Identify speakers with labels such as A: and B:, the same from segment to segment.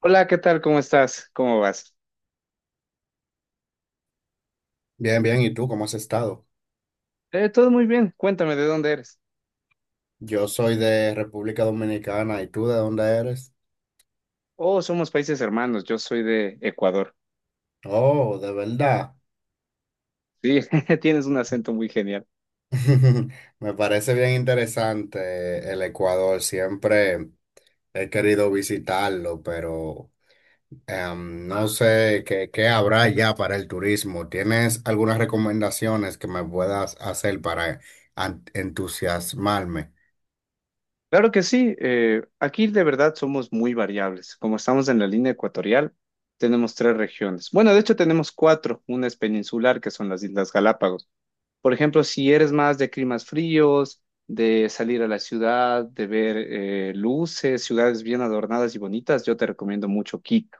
A: Hola, ¿qué tal? ¿Cómo estás? ¿Cómo vas?
B: Bien, bien. ¿Y tú cómo has estado?
A: Todo muy bien. Cuéntame, ¿de dónde eres?
B: Yo soy de República Dominicana. ¿Y tú de dónde eres?
A: Oh, somos países hermanos. Yo soy de Ecuador.
B: Oh, de verdad.
A: Sí, tienes un acento muy genial.
B: Me parece bien interesante el Ecuador. Siempre he querido visitarlo, pero no sé qué habrá ya para el turismo. ¿Tienes algunas recomendaciones que me puedas hacer para entusiasmarme?
A: Claro que sí. Aquí de verdad somos muy variables. Como estamos en la línea ecuatorial, tenemos tres regiones. Bueno, de hecho tenemos cuatro. Una es peninsular, que son las Islas Galápagos. Por ejemplo, si eres más de climas fríos, de salir a la ciudad, de ver luces, ciudades bien adornadas y bonitas, yo te recomiendo mucho Quito.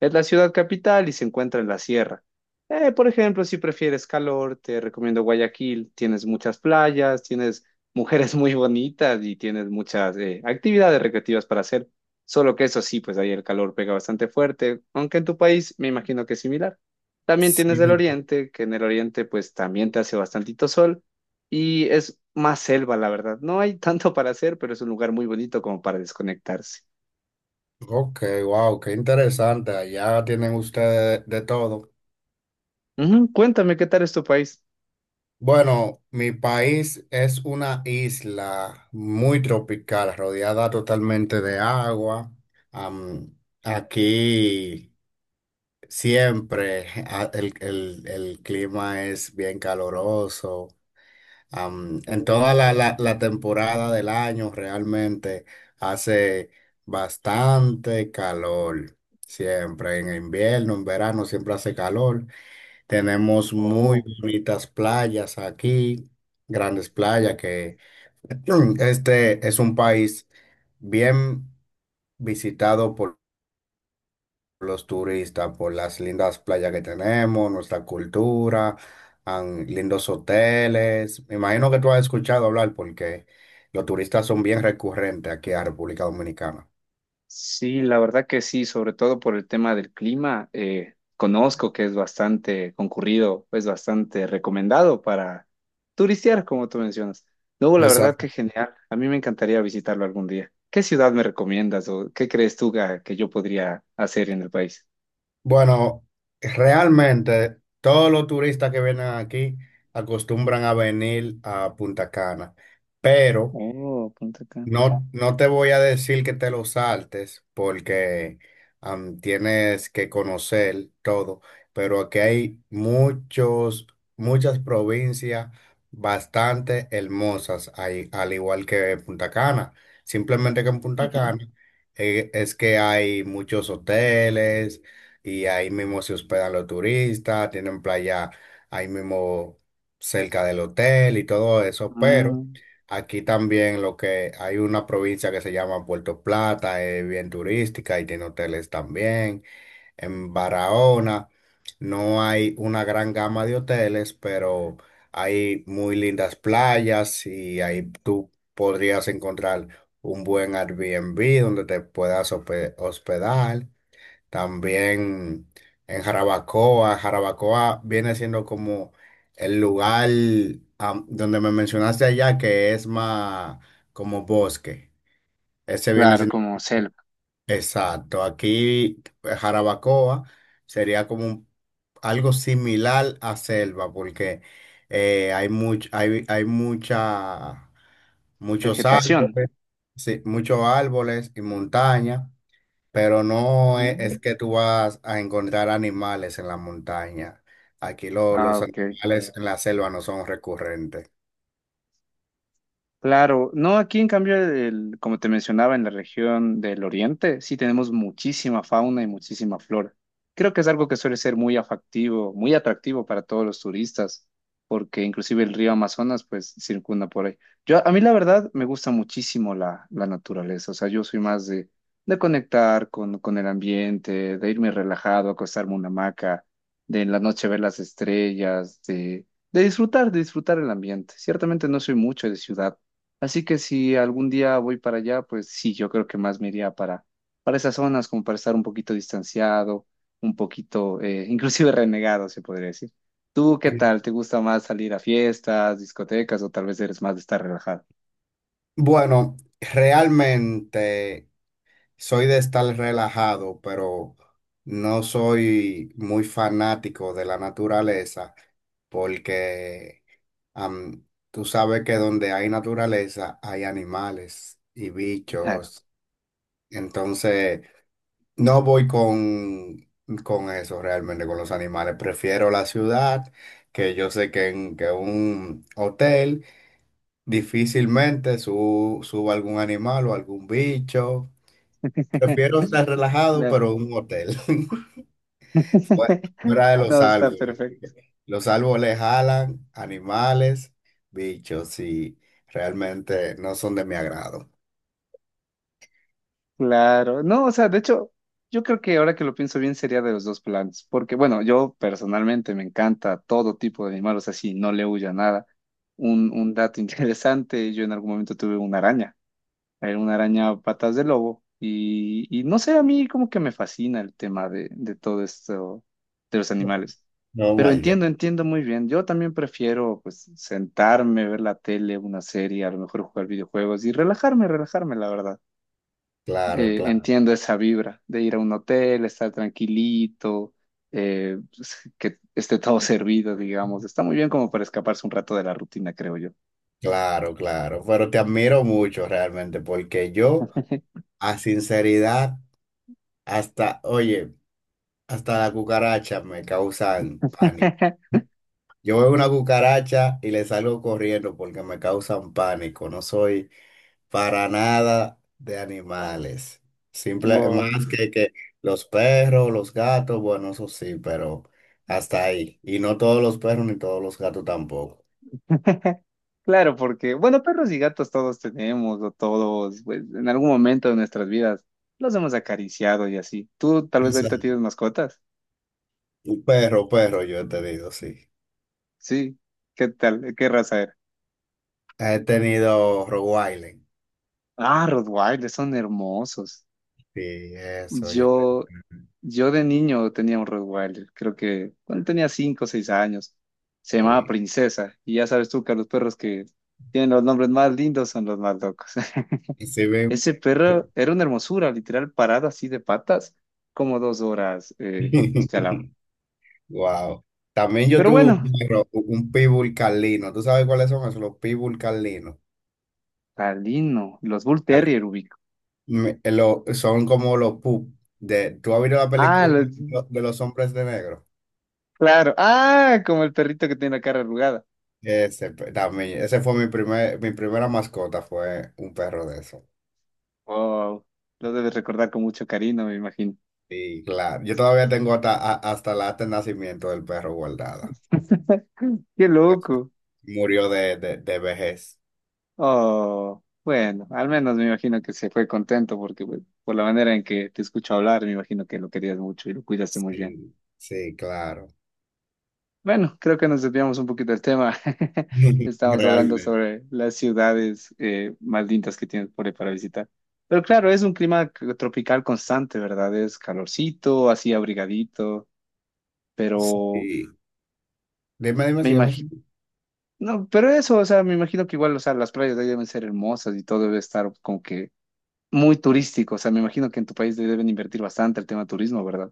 A: Es la ciudad capital y se encuentra en la sierra. Por ejemplo, si prefieres calor, te recomiendo Guayaquil. Tienes muchas playas, tienes mujeres muy bonitas y tienes muchas actividades recreativas para hacer. Solo que eso sí, pues ahí el calor pega bastante fuerte, aunque en tu país me imagino que es similar. También tienes el
B: Sí.
A: oriente, que en el oriente pues también te hace bastantito sol y es más selva, la verdad. No hay tanto para hacer, pero es un lugar muy bonito como para desconectarse.
B: Ok, wow, qué interesante. Allá tienen ustedes de todo.
A: Ujú, cuéntame, ¿qué tal es tu país?
B: Bueno, mi país es una isla muy tropical, rodeada totalmente de agua. Am, aquí siempre el clima es bien caloroso. En toda la temporada del año realmente hace bastante calor. Siempre en invierno, en verano siempre hace calor. Tenemos muy
A: Oh,
B: bonitas playas aquí, grandes playas que este es un país bien visitado por los turistas, por las lindas playas que tenemos, nuestra cultura, lindos hoteles. Me imagino que tú has escuchado hablar porque los turistas son bien recurrentes aquí a República Dominicana.
A: sí, la verdad que sí, sobre todo por el tema del clima. Conozco que es bastante concurrido, es bastante recomendado para turistear, como tú mencionas. Luego, la verdad que genial. A mí me encantaría visitarlo algún día. ¿Qué ciudad me recomiendas o qué crees tú que, yo podría hacer en el país?
B: Bueno, realmente todos los turistas que vienen aquí acostumbran a venir a Punta Cana, pero
A: Oh, Punta Cana.
B: no te voy a decir que te lo saltes porque tienes que conocer todo, pero aquí hay muchos, muchas provincias bastante hermosas, ahí, al igual que Punta Cana. Simplemente que en Punta
A: Ujú.
B: Cana es que hay muchos hoteles y ahí mismo se hospedan los turistas, tienen playa ahí mismo cerca del hotel y todo eso, pero...
A: Ah,
B: Aquí también lo que hay una provincia que se llama Puerto Plata, es bien turística y tiene hoteles también. En Barahona no hay una gran gama de hoteles, pero hay muy lindas playas y ahí tú podrías encontrar un buen Airbnb donde te puedas hospedar. También en Jarabacoa. Jarabacoa viene siendo como el lugar donde me mencionaste allá que es más como bosque. Ese viene
A: claro,
B: siendo
A: como selva,
B: exacto. Aquí Jarabacoa sería como algo similar a selva porque hay hay mucha, muchos
A: vegetación.
B: árboles, sí, muchos árboles y montaña. Pero no
A: Mm.
B: es que tú vas a encontrar animales en la montaña. Aquí
A: Ah,
B: los
A: ok.
B: animales en la selva no son recurrentes.
A: Claro, no, aquí en cambio, el- como te mencionaba, en la región del oriente sí tenemos muchísima fauna y muchísima flora. Creo que es algo que suele ser muy afectivo, muy atractivo para todos los turistas, porque inclusive el río Amazonas pues circunda por ahí. Yo, a mí la verdad me gusta muchísimo la naturaleza, o sea, yo soy más de conectar con el ambiente, de irme relajado, acostarme en una hamaca, de en la noche ver las estrellas, de disfrutar el ambiente. Ciertamente no soy mucho de ciudad. Así que si algún día voy para allá, pues sí, yo creo que más me iría para esas zonas, como para estar un poquito distanciado, un poquito, inclusive renegado, se podría decir. ¿Tú qué
B: Sí.
A: tal? ¿Te gusta más salir a fiestas, discotecas o tal vez eres más de estar relajado?
B: Bueno, realmente soy de estar relajado, pero no soy muy fanático de la naturaleza porque am, tú sabes que donde hay naturaleza hay animales y
A: Claro,
B: bichos. Entonces... No voy con eso realmente, con los animales. Prefiero la ciudad, que yo sé que en que un hotel difícilmente suba algún animal o algún bicho. Prefiero estar relajado,
A: claro.
B: pero en un hotel. Fuera fuera de los
A: No, está
B: árboles.
A: perfecto.
B: Los árboles jalan animales, bichos, y realmente no son de mi agrado.
A: Claro, no, o sea, de hecho, yo creo que ahora que lo pienso bien sería de los dos planes, porque bueno, yo personalmente me encanta todo tipo de animales, o sea, sí, no le huyo a nada. Un dato interesante, yo en algún momento tuve una araña, era una araña patas de lobo, y no sé, a mí como que me fascina el tema de todo esto de los
B: No,
A: animales.
B: no,
A: Pero
B: my God.
A: entiendo, entiendo muy bien. Yo también prefiero pues sentarme, ver la tele, una serie, a lo mejor jugar videojuegos y relajarme, relajarme, la verdad
B: Claro, claro.
A: entiendo esa vibra de ir a un hotel, estar tranquilito, pues, que esté todo servido, digamos. Está muy bien como para escaparse un rato de la rutina, creo yo.
B: Claro, claro, pero te admiro mucho realmente porque yo, a sinceridad, hasta, oye, hasta la cucaracha me causan pánico. Yo veo una cucaracha y le salgo corriendo porque me causan pánico. No soy para nada de animales. Simple,
A: Wow.
B: más que los perros, los gatos, bueno, eso sí, pero hasta ahí. Y no todos los perros ni todos los gatos tampoco.
A: Claro, porque, bueno, perros y gatos todos tenemos, o todos, pues, en algún momento de nuestras vidas los hemos acariciado y así. Tú tal vez ahorita
B: Exacto.
A: tienes mascotas.
B: Perro, yo te digo, sí.
A: Sí. ¿Qué tal? ¿Qué raza era?
B: He tenido Rogue Island.
A: Ah, Rottweilers son hermosos.
B: Sí, eso yo te...
A: Yo, yo de niño tenía un Rottweiler, creo que cuando tenía 5 o 6 años, se llamaba
B: Sí.
A: Princesa, y ya sabes tú que los perros que tienen los nombres más lindos son los más locos.
B: Y sí
A: Ese perro era una hermosura, literal parado así de patas, como 2 horas este al lado.
B: Wow. También yo
A: Pero
B: tuve
A: bueno,
B: un perro, un pitbull carlino. ¿Tú sabes cuáles son esos? Los pitbull carlinos.
A: Talino, los Bull
B: Vale.
A: Terrier ubico.
B: Son como los pup. De, ¿tú has visto la
A: Ah,
B: película de
A: los-
B: de los hombres de negro?
A: claro, ah, como el perrito que tiene la cara arrugada.
B: Ese, también, ese fue mi primer, mi primera mascota, fue un perro de eso.
A: Wow, lo debes recordar con mucho cariño, me imagino.
B: Y claro, yo todavía tengo hasta, hasta la acta de nacimiento del perro guardada.
A: Qué loco.
B: Murió de vejez.
A: Oh, bueno, al menos me imagino que se fue contento porque pues, por la manera en que te escucho hablar, me imagino que lo querías mucho y lo cuidaste muy bien.
B: Sí, sí, claro.
A: Bueno, creo que nos desviamos un poquito del tema. Estamos hablando
B: Realmente.
A: sobre las ciudades más lindas que tienes por ahí para visitar. Pero claro, es un clima tropical constante, ¿verdad? Es calorcito, así abrigadito, pero
B: Sí. Dime,
A: me
B: sígueme.
A: imagino, no, pero eso, o sea, me imagino que igual, o sea, las playas de ahí deben ser hermosas y todo debe estar como que muy turístico. O sea, me imagino que en tu país deben invertir bastante el tema turismo, ¿verdad?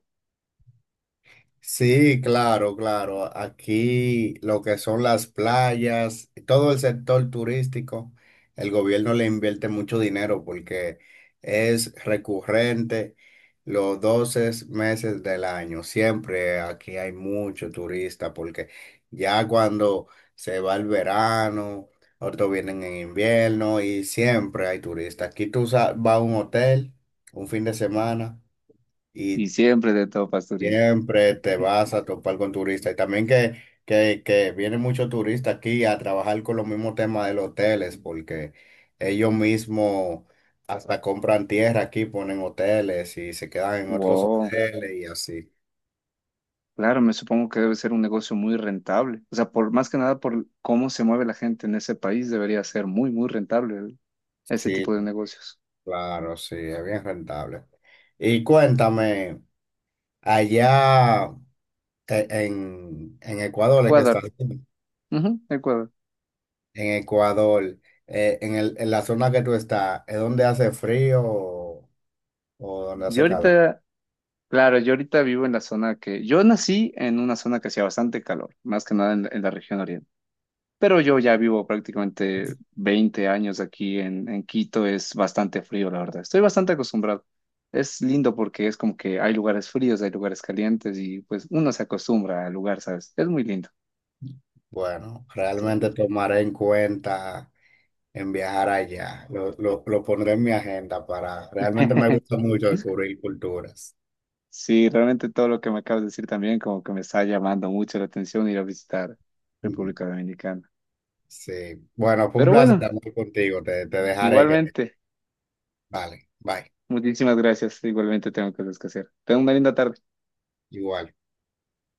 B: Sí, claro, claro. Aquí lo que son las playas, todo el sector turístico, el gobierno le invierte mucho dinero porque es recurrente los 12 meses del año. Siempre aquí hay mucho turista porque ya cuando se va el verano, otros vienen en invierno y siempre hay turistas. Aquí tú vas a un hotel un fin de semana.
A: Y
B: Y
A: siempre de topas turismo.
B: siempre te vas a topar con turistas y también que vienen muchos turistas aquí a trabajar con los mismos temas de los hoteles porque ellos mismos hasta compran tierra aquí, ponen hoteles y se quedan en otros
A: Wow.
B: hoteles y así.
A: Claro, me supongo que debe ser un negocio muy rentable. O sea, por más que nada por cómo se mueve la gente en ese país, debería ser muy, muy rentable el- ese
B: Sí,
A: tipo de negocios.
B: claro, sí, es bien rentable. Y cuéntame, allá en Ecuador, es que estás?
A: Ecuador. Ujú, Ecuador.
B: En Ecuador, en en la zona que tú estás, ¿es donde hace frío o donde
A: Yo
B: hace calor?
A: ahorita, claro, yo ahorita vivo en la zona que, yo nací en una zona que hacía bastante calor, más que nada en la región oriental. Pero yo ya vivo prácticamente 20 años aquí en Quito, es bastante frío, la verdad. Estoy bastante acostumbrado. Es lindo porque es como que hay lugares fríos, hay lugares calientes y pues uno se acostumbra al lugar, ¿sabes? Es muy lindo.
B: Bueno,
A: So-
B: realmente tomaré en cuenta en viajar allá. Lo pondré en mi agenda para... Realmente me gusta mucho descubrir culturas.
A: Sí, realmente todo lo que me acabas de decir también como que me está llamando mucho la atención ir a visitar
B: Ujú.
A: República Dominicana.
B: Sí. Bueno, fue un
A: Pero
B: placer
A: bueno,
B: hablar contigo. Te dejaré que...
A: igualmente,
B: Vale, bye.
A: muchísimas gracias. Igualmente tengo cosas que hacer. Tengo una linda tarde.
B: Igual.